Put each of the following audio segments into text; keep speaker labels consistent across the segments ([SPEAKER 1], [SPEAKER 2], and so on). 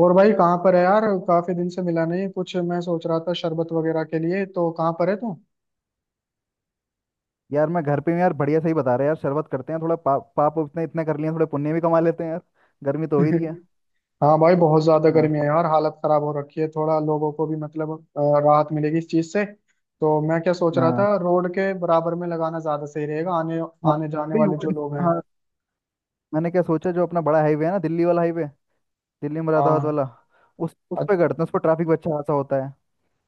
[SPEAKER 1] और भाई कहाँ पर है यार। काफी दिन से मिला नहीं, कुछ मैं सोच रहा था शरबत वगैरह के लिए। तो कहाँ पर है तू?
[SPEAKER 2] यार मैं घर पे हूँ यार। बढ़िया सही बता रहे हैं यार। शरबत करते हैं थोड़ा पाप इतने इतने कर लिए हैं, थोड़े पुण्य भी कमा लेते हैं यार। गर्मी तो हो ही रही है।
[SPEAKER 1] हाँ भाई, बहुत ज्यादा
[SPEAKER 2] हाँ।
[SPEAKER 1] गर्मी है यार। हालत खराब हो रखी है, थोड़ा लोगों को भी, मतलब राहत मिलेगी इस चीज से। तो मैं क्या सोच रहा
[SPEAKER 2] हाँ।
[SPEAKER 1] था, रोड के बराबर में लगाना ज्यादा सही रहेगा। आने
[SPEAKER 2] हाँ,
[SPEAKER 1] आने जाने
[SPEAKER 2] नहीं,
[SPEAKER 1] वाले
[SPEAKER 2] वो
[SPEAKER 1] जो लोग हैं।
[SPEAKER 2] हाँ। मैंने क्या सोचा जो अपना बड़ा हाईवे है ना, दिल्ली वाला हाईवे, दिल्ली मुरादाबाद
[SPEAKER 1] हाँ
[SPEAKER 2] वाला, उस पर करते हैं। उस पर ट्रैफिक भी अच्छा खासा होता है।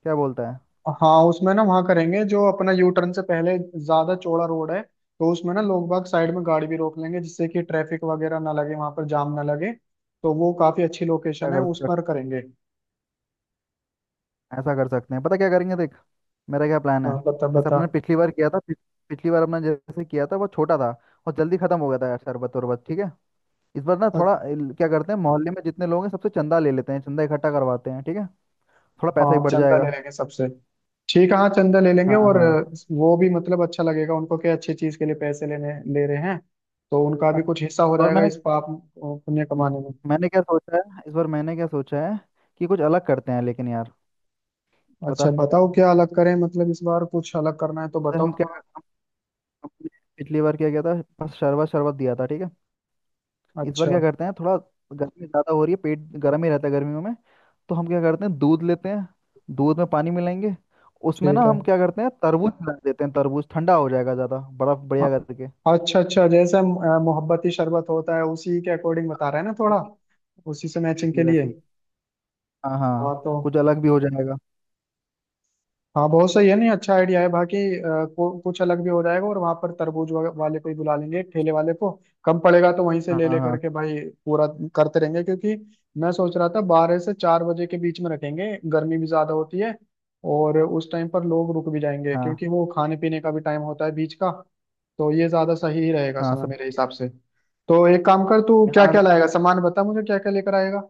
[SPEAKER 2] क्या बोलता है?
[SPEAKER 1] हाँ। उसमें ना वहां करेंगे, जो अपना यू टर्न से पहले। ज्यादा चौड़ा रोड है, तो उसमें ना लोग बाग साइड में गाड़ी भी रोक लेंगे, जिससे कि ट्रैफिक वगैरह ना लगे, वहां पर जाम ना लगे। तो वो काफी अच्छी
[SPEAKER 2] क्या
[SPEAKER 1] लोकेशन है,
[SPEAKER 2] कर
[SPEAKER 1] उस
[SPEAKER 2] सक-
[SPEAKER 1] पर करेंगे।
[SPEAKER 2] ऐसा कर सकते हैं। पता क्या करेंगे, देख मेरा क्या प्लान है।
[SPEAKER 1] हाँ बता
[SPEAKER 2] जैसे
[SPEAKER 1] बता।
[SPEAKER 2] अपने पिछली बार किया था, पिछली बार अपना जैसे किया था वो छोटा था। और जल्दी खत्म हो गया था यार शरबत उरबत। ठीक है। इस बार ना
[SPEAKER 1] अ-
[SPEAKER 2] थोड़ा क्या करते हैं, मोहल्ले में जितने लोग हैं सबसे चंदा ले लेते हैं, चंदा इकट्ठा करवाते हैं। ठीक है। थोड़ा पैसा ही
[SPEAKER 1] हाँ,
[SPEAKER 2] बढ़
[SPEAKER 1] चंदा ले
[SPEAKER 2] जाएगा।
[SPEAKER 1] लेंगे सबसे। ठीक है, हाँ चंदा ले लेंगे
[SPEAKER 2] हाँ
[SPEAKER 1] और
[SPEAKER 2] हाँ।
[SPEAKER 1] वो भी मतलब अच्छा लगेगा उनको। क्या अच्छी चीज के लिए पैसे लेने ले रहे हैं, तो उनका
[SPEAKER 2] हाँ,
[SPEAKER 1] भी कुछ हिस्सा हो
[SPEAKER 2] और
[SPEAKER 1] जाएगा
[SPEAKER 2] मैंने,
[SPEAKER 1] इस पाप पुण्य कमाने में।
[SPEAKER 2] मैंने क्या सोचा है इस बार, मैंने क्या सोचा है कि कुछ अलग करते हैं। लेकिन यार
[SPEAKER 1] अच्छा
[SPEAKER 2] बता।
[SPEAKER 1] बताओ क्या अलग करें, मतलब इस बार कुछ अलग करना है तो
[SPEAKER 2] अरे
[SPEAKER 1] बताओ
[SPEAKER 2] हम,
[SPEAKER 1] थोड़ा।
[SPEAKER 2] हमने पिछली बार क्या किया था? बस शरबत शरबत दिया था। ठीक है। इस बार क्या
[SPEAKER 1] अच्छा
[SPEAKER 2] करते हैं, थोड़ा गर्मी ज़्यादा हो रही है, पेट गर्म ही रहता है गर्मियों में। तो हम क्या करते हैं, दूध लेते हैं। दूध में पानी मिलाएंगे, उसमें ना
[SPEAKER 1] ठीक है।
[SPEAKER 2] हम क्या करते हैं तरबूज मिला देते हैं। तरबूज ठंडा हो जाएगा, ज़्यादा बर्फ
[SPEAKER 1] अ-
[SPEAKER 2] बढ़िया करके।
[SPEAKER 1] अच्छा अच्छा, जैसे मोहब्बती शरबत होता है, उसी के अकॉर्डिंग बता रहा है ना
[SPEAKER 2] और
[SPEAKER 1] थोड़ा।
[SPEAKER 2] कुछ
[SPEAKER 1] उसी से मैचिंग के
[SPEAKER 2] वैसी
[SPEAKER 1] लिए।
[SPEAKER 2] वैसी। हाँ
[SPEAKER 1] हाँ
[SPEAKER 2] हाँ।
[SPEAKER 1] तो,
[SPEAKER 2] कुछ अलग भी हो जाएगा।
[SPEAKER 1] हाँ बहुत सही है। नहीं, अच्छा आइडिया है बाकी। कुछ अलग भी हो जाएगा। और वहां पर वाले को ही बुला लेंगे, एक ठेले वाले को। कम पड़ेगा तो वहीं से
[SPEAKER 2] हाँ
[SPEAKER 1] ले ले
[SPEAKER 2] हाँ।
[SPEAKER 1] करके भाई, पूरा करते रहेंगे। क्योंकि मैं सोच रहा था 12 से 4 बजे के बीच में रखेंगे, गर्मी भी ज्यादा होती है। और उस टाइम पर लोग रुक भी जाएंगे,
[SPEAKER 2] हाँ।
[SPEAKER 1] क्योंकि वो खाने पीने का भी टाइम होता है बीच का। तो ये ज्यादा सही ही रहेगा
[SPEAKER 2] हाँ
[SPEAKER 1] समय
[SPEAKER 2] सब।
[SPEAKER 1] मेरे हिसाब से। तो एक काम कर, तू क्या
[SPEAKER 2] हाँ
[SPEAKER 1] क्या लाएगा सामान बता मुझे, क्या क्या लेकर आएगा?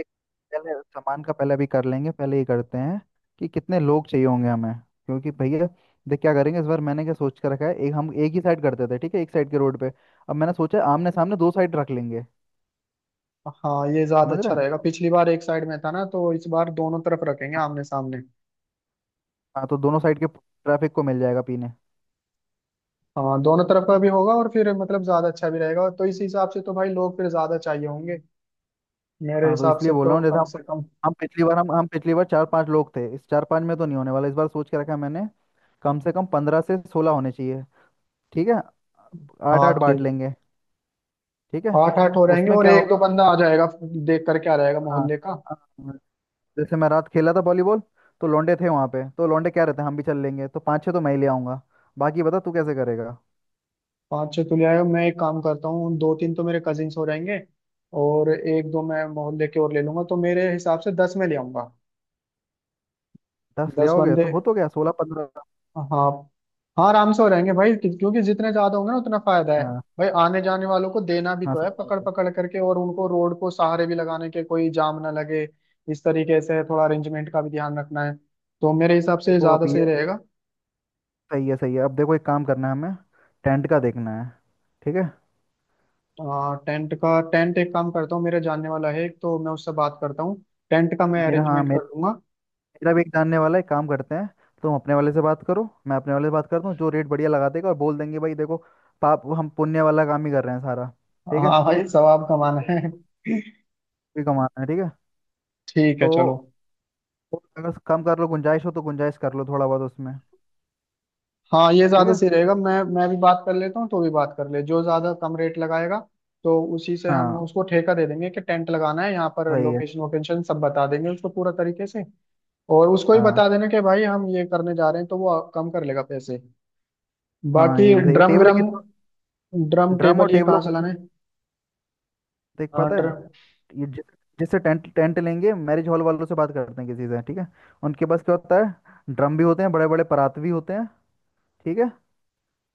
[SPEAKER 2] एक- पहले सामान का पहले भी कर लेंगे, पहले ये करते हैं कि कितने लोग चाहिए होंगे हमें, क्योंकि भैया देख क्या करेंगे। इस बार मैंने क्या सोच कर रखा है, एक हम एक ही साइड करते थे, ठीक है, एक साइड के रोड पे। अब मैंने सोचा है आमने सामने दो साइड रख लेंगे।
[SPEAKER 1] हाँ, ये ज्यादा
[SPEAKER 2] समझ रहे
[SPEAKER 1] अच्छा
[SPEAKER 2] हैं?
[SPEAKER 1] रहेगा, पिछली बार एक साइड में था ना, तो इस बार दोनों तरफ रखेंगे
[SPEAKER 2] हाँ।
[SPEAKER 1] आमने सामने।
[SPEAKER 2] हाँ, तो दोनों साइड के ट्रैफिक को मिल जाएगा पीने।
[SPEAKER 1] हाँ दोनों तरफ का भी होगा और फिर मतलब ज्यादा अच्छा भी रहेगा। तो इस हिसाब से तो भाई लोग फिर ज्यादा चाहिए होंगे। मेरे
[SPEAKER 2] हाँ तो
[SPEAKER 1] हिसाब
[SPEAKER 2] इसलिए
[SPEAKER 1] से
[SPEAKER 2] बोल रहा
[SPEAKER 1] तो
[SPEAKER 2] हूँ जैसे
[SPEAKER 1] कम
[SPEAKER 2] हम,
[SPEAKER 1] से कम।
[SPEAKER 2] हम पिछली बार चार पांच लोग थे। इस चार पांच में तो नहीं होने वाला, इस बार सोच के रखा है मैंने कम से कम 15 से 16 होने चाहिए। ठीक है। आठ
[SPEAKER 1] हाँ
[SPEAKER 2] आठ बांट
[SPEAKER 1] ठीक।
[SPEAKER 2] लेंगे। ठीक है।
[SPEAKER 1] आठ आठ हो रहेंगे
[SPEAKER 2] उसमें
[SPEAKER 1] और
[SPEAKER 2] क्या
[SPEAKER 1] एक दो
[SPEAKER 2] होगा।
[SPEAKER 1] बंदा आ जाएगा, देख कर क्या रहेगा
[SPEAKER 2] हाँ।
[SPEAKER 1] मोहल्ले का।
[SPEAKER 2] हाँ, जैसे मैं रात खेला था वॉलीबॉल, तो लौंडे थे वहां पे, तो लौंडे क्या रहते हैं, हम भी चल लेंगे तो पाँच छह तो मैं ही ले आऊंगा। बाकी बता तू कैसे करेगा।
[SPEAKER 1] पाँच छह तो ले आएगा, मैं एक काम करता हूँ, दो तीन तो मेरे कजिन्स हो जाएंगे, और एक दो मैं मोहल्ले के और ले लूंगा, तो मेरे हिसाब से 10 में ले आऊंगा।
[SPEAKER 2] 10 ले
[SPEAKER 1] दस
[SPEAKER 2] आओगे
[SPEAKER 1] बंदे
[SPEAKER 2] तो हो तो गया 16 15।
[SPEAKER 1] हाँ हाँ, आराम से हो रहेंगे भाई, क्योंकि जितने ज्यादा होंगे ना, उतना फायदा है।
[SPEAKER 2] हाँ।
[SPEAKER 1] भाई आने जाने वालों को देना भी
[SPEAKER 2] हाँ
[SPEAKER 1] तो
[SPEAKER 2] सही
[SPEAKER 1] है
[SPEAKER 2] बात
[SPEAKER 1] पकड़
[SPEAKER 2] है।
[SPEAKER 1] पकड़ करके, और उनको रोड को सहारे भी लगाने के, कोई जाम ना लगे। इस तरीके से थोड़ा अरेंजमेंट का भी ध्यान रखना है। तो मेरे हिसाब से
[SPEAKER 2] देखो
[SPEAKER 1] ज्यादा
[SPEAKER 2] अब
[SPEAKER 1] सही
[SPEAKER 2] ये
[SPEAKER 1] रहेगा।
[SPEAKER 2] सही है सही है। अब देखो, एक काम करना है हमें, टेंट का देखना है। ठीक है।
[SPEAKER 1] आ, टेंट का टेंट, एक काम करता हूँ, मेरे जानने वाला है एक, तो मैं उससे बात करता हूँ। टेंट का मैं
[SPEAKER 2] मेरा हाँ,
[SPEAKER 1] अरेंजमेंट
[SPEAKER 2] मेरा,
[SPEAKER 1] कर दूंगा।
[SPEAKER 2] मेरा भी एक जानने वाला है, एक काम करते हैं, तुम अपने वाले से बात करो, मैं अपने वाले से बात करता हूँ, जो रेट बढ़िया लगा देगा। और बोल देंगे भाई देखो, पाप हम पुण्य वाला काम ही कर रहे हैं सारा। ठीक है।
[SPEAKER 1] हाँ भाई, सवाब कमाना है।
[SPEAKER 2] भी कमाना है। ठीक है।
[SPEAKER 1] ठीक है
[SPEAKER 2] तो,
[SPEAKER 1] चलो।
[SPEAKER 2] और अगर कम कर लो, गुंजाइश हो तो गुंजाइश कर लो थोड़ा बहुत उसमें।
[SPEAKER 1] हाँ ये
[SPEAKER 2] ठीक
[SPEAKER 1] ज्यादा
[SPEAKER 2] है।
[SPEAKER 1] सही रहेगा, मैं भी बात कर लेता हूँ, तो भी बात कर ले, जो ज्यादा कम रेट लगाएगा। तो उसी से हम
[SPEAKER 2] हाँ
[SPEAKER 1] उसको ठेका दे देंगे कि टेंट लगाना है यहाँ पर,
[SPEAKER 2] सही है।
[SPEAKER 1] लोकेशन वोकेशन सब बता देंगे उसको पूरा तरीके से। और उसको ही बता
[SPEAKER 2] हाँ
[SPEAKER 1] देना कि भाई हम ये करने जा रहे हैं, तो वो कम कर लेगा पैसे।
[SPEAKER 2] हाँ
[SPEAKER 1] बाकी
[SPEAKER 2] ये भी सही है,
[SPEAKER 1] ड्रम
[SPEAKER 2] टेबल के
[SPEAKER 1] ग्रम,
[SPEAKER 2] तो,
[SPEAKER 1] ड्रम
[SPEAKER 2] ड्रम और
[SPEAKER 1] टेबल ये
[SPEAKER 2] टेबलों
[SPEAKER 1] कहाँ से
[SPEAKER 2] को
[SPEAKER 1] लाना है?
[SPEAKER 2] देख
[SPEAKER 1] हाँ
[SPEAKER 2] पाता है।
[SPEAKER 1] ड्रम।
[SPEAKER 2] ये जिस, जिससे टेंट टेंट लेंगे, मैरिज हॉल वालों से बात करते हैं किसी से। ठीक है। उनके पास क्या होता है, ड्रम भी होते हैं बड़े बड़े, परात भी होते हैं। ठीक है।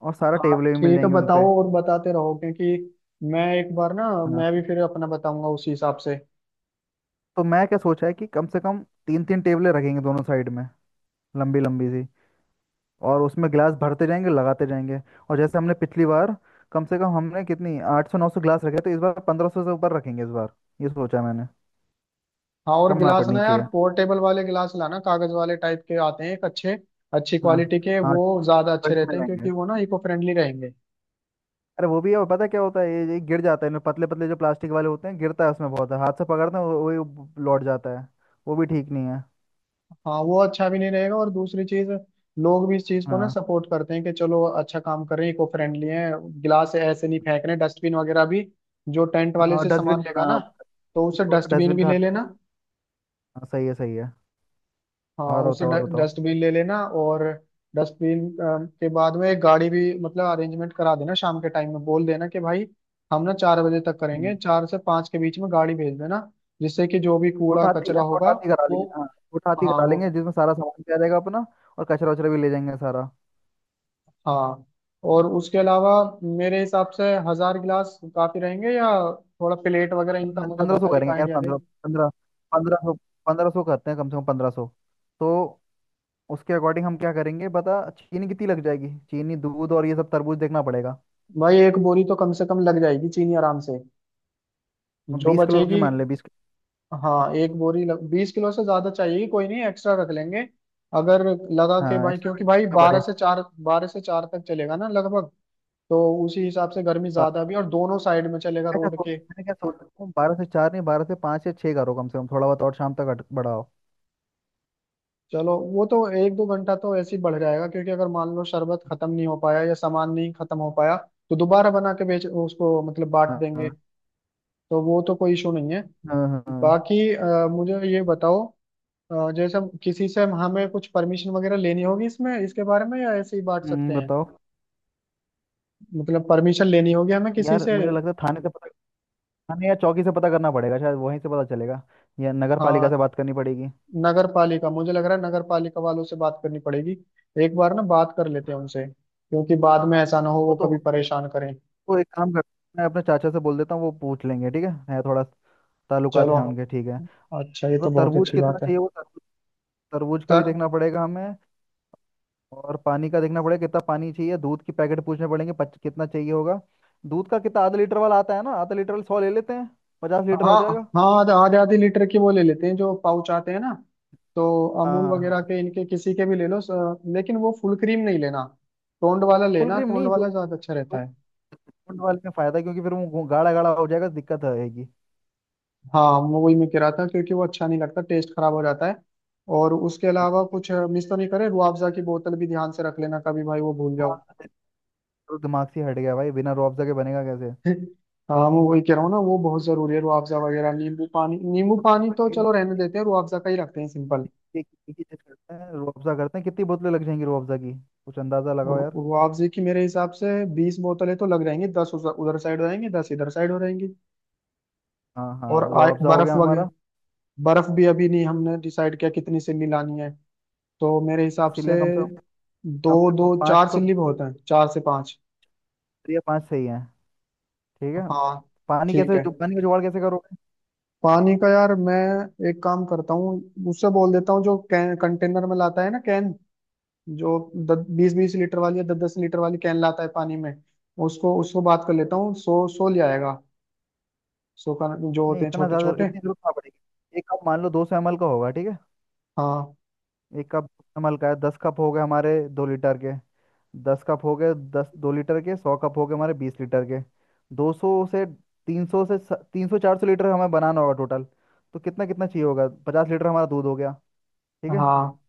[SPEAKER 2] और सारा
[SPEAKER 1] हाँ
[SPEAKER 2] टेबलें भी मिल
[SPEAKER 1] ठीक है,
[SPEAKER 2] जाएंगी उन पे।
[SPEAKER 1] बताओ और बताते रहो, क्योंकि मैं एक बार ना,
[SPEAKER 2] हाँ,
[SPEAKER 1] मैं भी फिर अपना बताऊंगा उसी हिसाब से।
[SPEAKER 2] तो मैं क्या सोचा है कि कम से कम तीन तीन टेबलें रखेंगे दोनों साइड में, लंबी लंबी सी। और उसमें गिलास भरते जाएंगे, लगाते जाएंगे। और जैसे हमने पिछली बार, कम से कम हमने कितनी 800 900 गिलास रखे, तो इस बार 1500 से ऊपर रखेंगे इस बार। ये सोचा मैंने,
[SPEAKER 1] हाँ और
[SPEAKER 2] कम ना
[SPEAKER 1] गिलास
[SPEAKER 2] पड़नी
[SPEAKER 1] ना यार,
[SPEAKER 2] चाहिए।
[SPEAKER 1] पोर्टेबल वाले गिलास लाना, कागज वाले टाइप के आते हैं, एक अच्छे अच्छी
[SPEAKER 2] हाँ
[SPEAKER 1] क्वालिटी के।
[SPEAKER 2] हाँ,
[SPEAKER 1] वो ज्यादा अच्छे
[SPEAKER 2] बल्क में
[SPEAKER 1] रहते हैं,
[SPEAKER 2] लेंगे।
[SPEAKER 1] क्योंकि वो ना इको फ्रेंडली रहेंगे।
[SPEAKER 2] अरे वो भी है, और पता है क्या होता है, ये गिर जाता है इनमें, पतले पतले जो प्लास्टिक वाले होते हैं, गिरता है उसमें बहुत है, हाथ से पकड़ते हैं लौट जाता है। वो भी ठीक नहीं है।
[SPEAKER 1] हाँ वो अच्छा भी नहीं रहेगा, और दूसरी चीज, लोग भी इस चीज को ना
[SPEAKER 2] हाँ
[SPEAKER 1] सपोर्ट करते हैं कि चलो अच्छा काम कर रहे हैं, इको फ्रेंडली है, गिलास ऐसे नहीं फेंक रहे। डस्टबिन वगैरह भी, जो टेंट वाले
[SPEAKER 2] हाँ
[SPEAKER 1] से
[SPEAKER 2] डस्टबिन।
[SPEAKER 1] सामान लेगा ना,
[SPEAKER 2] हाँ
[SPEAKER 1] तो उसे डस्टबिन
[SPEAKER 2] डस्टबिन
[SPEAKER 1] भी
[SPEAKER 2] का
[SPEAKER 1] ले
[SPEAKER 2] हट-
[SPEAKER 1] लेना।
[SPEAKER 2] हाँ, सही है सही है।
[SPEAKER 1] हाँ
[SPEAKER 2] और
[SPEAKER 1] उससे
[SPEAKER 2] बताओ और बताओ।
[SPEAKER 1] डस्टबिन ले लेना, और डस्टबिन के बाद में एक गाड़ी भी मतलब अरेंजमेंट करा देना, शाम के टाइम में बोल देना कि भाई, हम ना 4 बजे तक
[SPEAKER 2] हम्म।
[SPEAKER 1] करेंगे, 4 से 5 के बीच में गाड़ी भेज देना, जिससे कि जो भी कूड़ा कचरा
[SPEAKER 2] छोट
[SPEAKER 1] होगा
[SPEAKER 2] हाथी करा
[SPEAKER 1] वो।
[SPEAKER 2] लेंगे, हाँ छोट हाथी
[SPEAKER 1] हाँ
[SPEAKER 2] करा
[SPEAKER 1] वो।
[SPEAKER 2] लेंगे जिसमें सारा सामान भी आ जाएगा अपना। और कचरा वचरा भी ले जाएंगे सारा।
[SPEAKER 1] हाँ और उसके अलावा, मेरे हिसाब से 1000 गिलास काफी रहेंगे, या थोड़ा प्लेट वगैरह,
[SPEAKER 2] नहीं
[SPEAKER 1] इनका
[SPEAKER 2] यार,
[SPEAKER 1] मुझे
[SPEAKER 2] 1500
[SPEAKER 1] बता, एक
[SPEAKER 2] करेंगे यार।
[SPEAKER 1] आइडिया दे
[SPEAKER 2] पंद्रह पंद्रह 1500, 1500 करते हैं कम से कम 1500। तो उसके अकॉर्डिंग हम क्या करेंगे बता, चीनी कितनी लग जाएगी, चीनी दूध और ये सब तरबूज देखना पड़ेगा।
[SPEAKER 1] भाई। एक बोरी तो कम से कम लग जाएगी चीनी आराम से, जो
[SPEAKER 2] बीस किलो की
[SPEAKER 1] बचेगी।
[SPEAKER 2] मान ले, 20 किलो।
[SPEAKER 1] हाँ 20 किलो से ज्यादा चाहिए, कोई नहीं एक्स्ट्रा रख लेंगे, अगर लगा के
[SPEAKER 2] हाँ
[SPEAKER 1] भाई।
[SPEAKER 2] एक्स्ट्रा
[SPEAKER 1] क्योंकि भाई
[SPEAKER 2] रखना पड़े।
[SPEAKER 1] 12 से 4 तक चलेगा ना लगभग। तो उसी हिसाब से, गर्मी
[SPEAKER 2] ब-
[SPEAKER 1] ज्यादा भी और दोनों साइड में चलेगा
[SPEAKER 2] ऐसा
[SPEAKER 1] रोड
[SPEAKER 2] सोच,
[SPEAKER 1] के।
[SPEAKER 2] मैंने क्या सोचा 12 से 4 नहीं, 12 से 5 या 6 करो, कम से कम थोड़ा बहुत, और शाम तक बढ़ाओ।
[SPEAKER 1] चलो वो तो एक दो घंटा तो ऐसे ही बढ़ जाएगा, क्योंकि अगर मान लो शरबत खत्म नहीं हो पाया या सामान नहीं खत्म हो पाया, तो दोबारा बना के, बेच उसको, मतलब बांट
[SPEAKER 2] हाँ
[SPEAKER 1] देंगे।
[SPEAKER 2] हाँ।
[SPEAKER 1] तो वो तो कोई इशू नहीं है।
[SPEAKER 2] हाँ हाँ।
[SPEAKER 1] बाकी मुझे ये बताओ, जैसे किसी से हमें कुछ परमिशन वगैरह लेनी होगी इसमें, इसके बारे में, या ऐसे ही बांट सकते हैं?
[SPEAKER 2] बताओ।
[SPEAKER 1] मतलब परमिशन लेनी होगी हमें किसी
[SPEAKER 2] यार
[SPEAKER 1] से?
[SPEAKER 2] मुझे लगता है थाने से पता, हमें या चौकी से पता करना पड़ेगा, शायद वहीं से पता चलेगा, या नगर पालिका से
[SPEAKER 1] हाँ,
[SPEAKER 2] बात करनी पड़ेगी।
[SPEAKER 1] नगर पालिका, मुझे लग रहा है नगर पालिका वालों से बात करनी पड़ेगी। एक बार ना बात कर लेते हैं उनसे, क्योंकि बाद में ऐसा ना हो
[SPEAKER 2] वो
[SPEAKER 1] वो
[SPEAKER 2] तो,
[SPEAKER 1] कभी परेशान करें।
[SPEAKER 2] वो एक काम करते हैं, मैं अपने चाचा से बोल देता हूँ, वो पूछ लेंगे, ठीक है थोड़ा ताल्लुकात
[SPEAKER 1] चलो
[SPEAKER 2] हैं उनके। ठीक है।
[SPEAKER 1] अच्छा, ये
[SPEAKER 2] तो
[SPEAKER 1] तो बहुत
[SPEAKER 2] तरबूज
[SPEAKER 1] अच्छी
[SPEAKER 2] कितना
[SPEAKER 1] बात है।
[SPEAKER 2] चाहिए, वो तरबूज, तरबूज का भी
[SPEAKER 1] तर
[SPEAKER 2] देखना पड़ेगा हमें। और पानी का देखना पड़ेगा कितना पानी चाहिए, दूध की पैकेट पूछने पड़ेंगे, कितना चाहिए होगा। दूध का कितना, आधा लीटर वाला आता है ना, आधा लीटर वाला 100 ले लेते हैं, 50 लीटर हो
[SPEAKER 1] हाँ
[SPEAKER 2] जाएगा।
[SPEAKER 1] हाँ, आधा आधे आधे लीटर के वो ले लेते हैं, जो पाउच आते हैं ना। तो
[SPEAKER 2] हाँ।
[SPEAKER 1] अमूल
[SPEAKER 2] हाँ। हाँ
[SPEAKER 1] वगैरह के, इनके किसी के भी ले लो, लेकिन वो फुल क्रीम नहीं लेना। टोंड वाला
[SPEAKER 2] फुल
[SPEAKER 1] लेना,
[SPEAKER 2] क्रीम
[SPEAKER 1] टोंड
[SPEAKER 2] नहीं, फुल,
[SPEAKER 1] वाला ज्यादा अच्छा रहता है।
[SPEAKER 2] फुल वाले में फायदा है, क्योंकि फिर वो गाढ़ा गाढ़ा हो जाएगा, दिक्कत आएगी।
[SPEAKER 1] हाँ मैं वही मैं कह रहा था, क्योंकि वो अच्छा नहीं लगता, टेस्ट खराब हो जाता है। और उसके अलावा कुछ मिस तो नहीं करे, रुआफजा की बोतल भी ध्यान से रख लेना, कभी भाई वो भूल
[SPEAKER 2] हाँ
[SPEAKER 1] जाओ।
[SPEAKER 2] तो दिमाग से हट गया भाई, बिना रुअफ़ज़ा के बनेगा कैसे?
[SPEAKER 1] हाँ मैं वही कह रहा हूँ ना, वो बहुत जरूरी है, रुआफजा वगैरह, नींबू पानी। नींबू पानी
[SPEAKER 2] रुअफ़ज़ा
[SPEAKER 1] तो
[SPEAKER 2] के,
[SPEAKER 1] चलो रहने देते हैं, रुआफजा का ही रखते हैं सिंपल।
[SPEAKER 2] एक एक ही चीज करते हैं, रुअफ़ज़ा करते हैं, कितनी बोतलें लग जाएंगी रुअफ़ज़ा की, कुछ अंदाज़ा लगाओ यार।
[SPEAKER 1] रुआफजे की मेरे हिसाब से 20 बोतलें तो लग जाएंगी, 10 उधर साइड हो जाएंगी, 10 इधर साइड हो जाएंगी।
[SPEAKER 2] हाँ हाँ,
[SPEAKER 1] और
[SPEAKER 2] रुअफ़ज़ा हो
[SPEAKER 1] बर्फ
[SPEAKER 2] गया
[SPEAKER 1] वगैरह।
[SPEAKER 2] हमारा।
[SPEAKER 1] बर्फ भी अभी नहीं हमने डिसाइड किया, कितनी सिल्ली लानी है। तो मेरे हिसाब से
[SPEAKER 2] इसीलिए कम से कम, कम
[SPEAKER 1] दो
[SPEAKER 2] से कम
[SPEAKER 1] दो,
[SPEAKER 2] पाँच
[SPEAKER 1] चार
[SPEAKER 2] तो,
[SPEAKER 1] सिल्ली बहुत हैं, 4 से 5।
[SPEAKER 2] या पाँच सही है। ठीक है।
[SPEAKER 1] हाँ
[SPEAKER 2] पानी
[SPEAKER 1] ठीक
[SPEAKER 2] कैसे,
[SPEAKER 1] है।
[SPEAKER 2] जो पानी का जुगाड़ कैसे करोगे?
[SPEAKER 1] पानी का यार, मैं एक काम करता हूँ, उससे बोल देता हूँ, जो कैन कंटेनर में लाता है ना, कैन जो दस बीस, 20 लीटर वाली या 10 10 लीटर वाली कैन लाता है पानी में। उसको उसको बात कर लेता हूँ, 100 100 ले आएगा। 100 का जो
[SPEAKER 2] नहीं
[SPEAKER 1] होते हैं,
[SPEAKER 2] इतना
[SPEAKER 1] छोटे
[SPEAKER 2] ज़्यादा
[SPEAKER 1] छोटे।
[SPEAKER 2] इतनी जरूरत ना पड़ेगी, एक कप मान लो 200 ml का होगा, ठीक है।
[SPEAKER 1] हाँ
[SPEAKER 2] एक कप नमल का है, 10 कप हो गए हमारे 2 लीटर के। दस कप हो गए 10, 2 लीटर के 100 कप हो गए हमारे 20 लीटर के। 200 से 300 से, 300 400 लीटर हमें बनाना होगा टोटल। तो कितना कितना चाहिए होगा, 50 लीटर हमारा दूध हो गया, ठीक है।
[SPEAKER 1] हाँ।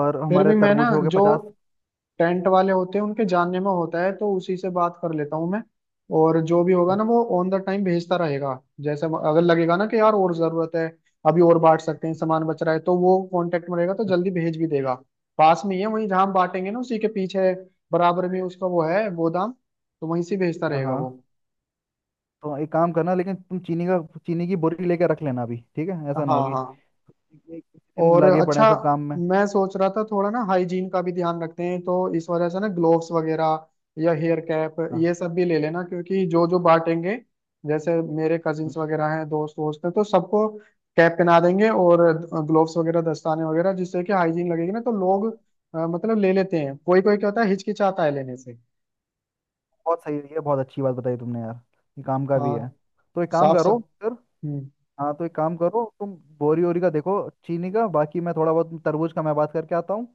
[SPEAKER 2] और
[SPEAKER 1] फिर
[SPEAKER 2] हमारे
[SPEAKER 1] भी मैं ना,
[SPEAKER 2] तरबूज हो गए
[SPEAKER 1] जो
[SPEAKER 2] 50।
[SPEAKER 1] टेंट वाले होते हैं उनके जानने में होता है, तो उसी से बात कर लेता हूँ मैं। और जो भी होगा ना, वो ऑन द टाइम भेजता रहेगा, जैसे अगर लगेगा ना कि यार और जरूरत है, अभी और बांट सकते हैं, सामान बच रहा है, तो वो कांटेक्ट में रहेगा तो जल्दी भेज भी देगा। पास में ही है वहीं, जहाँ हम बांटेंगे ना उसी के पीछे, बराबर में उसका वो है गोदाम, तो वहीं से भेजता
[SPEAKER 2] हाँ
[SPEAKER 1] रहेगा वो।
[SPEAKER 2] हाँ। तो एक काम करना लेकिन, तुम चीनी का, चीनी की बोरी लेके रख लेना अभी, ठीक है, ऐसा ना
[SPEAKER 1] हाँ
[SPEAKER 2] होगी
[SPEAKER 1] हाँ।
[SPEAKER 2] एक दिन
[SPEAKER 1] और
[SPEAKER 2] लगे पड़े हैं
[SPEAKER 1] अच्छा,
[SPEAKER 2] सब काम में।
[SPEAKER 1] मैं सोच रहा था, थोड़ा ना हाइजीन का भी ध्यान रखते हैं, तो इस वजह से ना ग्लोव्स वगैरह या हेयर कैप,
[SPEAKER 2] हाँ
[SPEAKER 1] ये सब भी ले लेना, क्योंकि जो जो बांटेंगे, जैसे मेरे कजिन्स वगैरह हैं, दोस्त वोस्त हैं, तो सबको कैप पहना देंगे और ग्लोव्स वगैरह, दस्ताने वगैरह, जिससे कि हाइजीन लगेगी ना, तो लोग मतलब ले लेते हैं, कोई कोई क्या होता है, हिचकिचाता है लेने से।
[SPEAKER 2] बहुत सही है, ये बहुत अच्छी बात बताई तुमने यार, ये काम का भी है।
[SPEAKER 1] हाँ।
[SPEAKER 2] तो एक काम
[SPEAKER 1] साफ
[SPEAKER 2] करो
[SPEAKER 1] साफ।
[SPEAKER 2] फिर।
[SPEAKER 1] हम्म।
[SPEAKER 2] हाँ तो एक काम करो, तुम बोरी ओरी का देखो चीनी का, बाकी मैं थोड़ा बहुत तरबूज का मैं बात करके आता हूँ।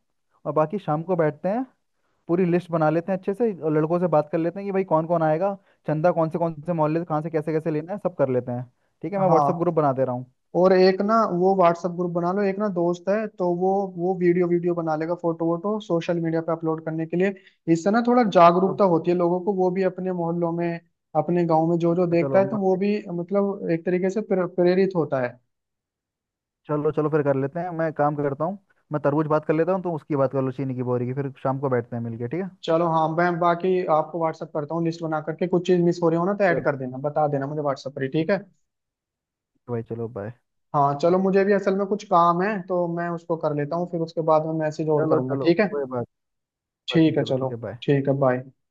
[SPEAKER 2] और बाकी शाम को बैठते हैं, पूरी लिस्ट बना लेते हैं अच्छे से, और लड़कों से बात कर लेते हैं कि भाई कौन कौन आएगा, चंदा कौन से मोहल्ले से, कहाँ से कैसे कैसे लेना है सब कर लेते हैं। ठीक है, मैं व्हाट्सअप
[SPEAKER 1] हाँ
[SPEAKER 2] ग्रुप बना दे रहा हूँ।
[SPEAKER 1] और एक ना वो व्हाट्सएप ग्रुप बना लो, एक ना दोस्त है, तो वो वीडियो वीडियो बना लेगा, फोटो वोटो सोशल मीडिया पे अपलोड करने के लिए। इससे ना थोड़ा
[SPEAKER 2] चलो।
[SPEAKER 1] जागरूकता होती है लोगों को, वो भी अपने मोहल्लों में, अपने गांव में जो जो
[SPEAKER 2] अच्छा चलो
[SPEAKER 1] देखता है, तो वो भी मतलब एक तरीके से प्रेरित होता है।
[SPEAKER 2] चलो चलो फिर कर लेते हैं, मैं काम करता हूँ, मैं तरबूज बात कर लेता हूँ, तो उसकी बात कर लो चीनी की बोरी की, फिर शाम को बैठते हैं मिलके, ठीक है।
[SPEAKER 1] चलो हाँ, मैं बाकी आपको व्हाट्सएप करता हूँ लिस्ट बना करके, कुछ चीज मिस हो रही हो ना तो ऐड
[SPEAKER 2] चलो
[SPEAKER 1] कर देना, बता देना मुझे व्हाट्सएप पर ही, ठीक है।
[SPEAKER 2] भाई चलो बाय।
[SPEAKER 1] हाँ
[SPEAKER 2] ठीक है
[SPEAKER 1] चलो, मुझे भी असल में कुछ काम है, तो मैं उसको कर लेता हूँ, फिर उसके बाद में मैसेज और
[SPEAKER 2] चलो
[SPEAKER 1] करूंगा।
[SPEAKER 2] चलो,
[SPEAKER 1] ठीक है।
[SPEAKER 2] कोई बात, बात नहीं,
[SPEAKER 1] ठीक है
[SPEAKER 2] चलो ठीक है
[SPEAKER 1] चलो।
[SPEAKER 2] बाय।
[SPEAKER 1] ठीक है बाय।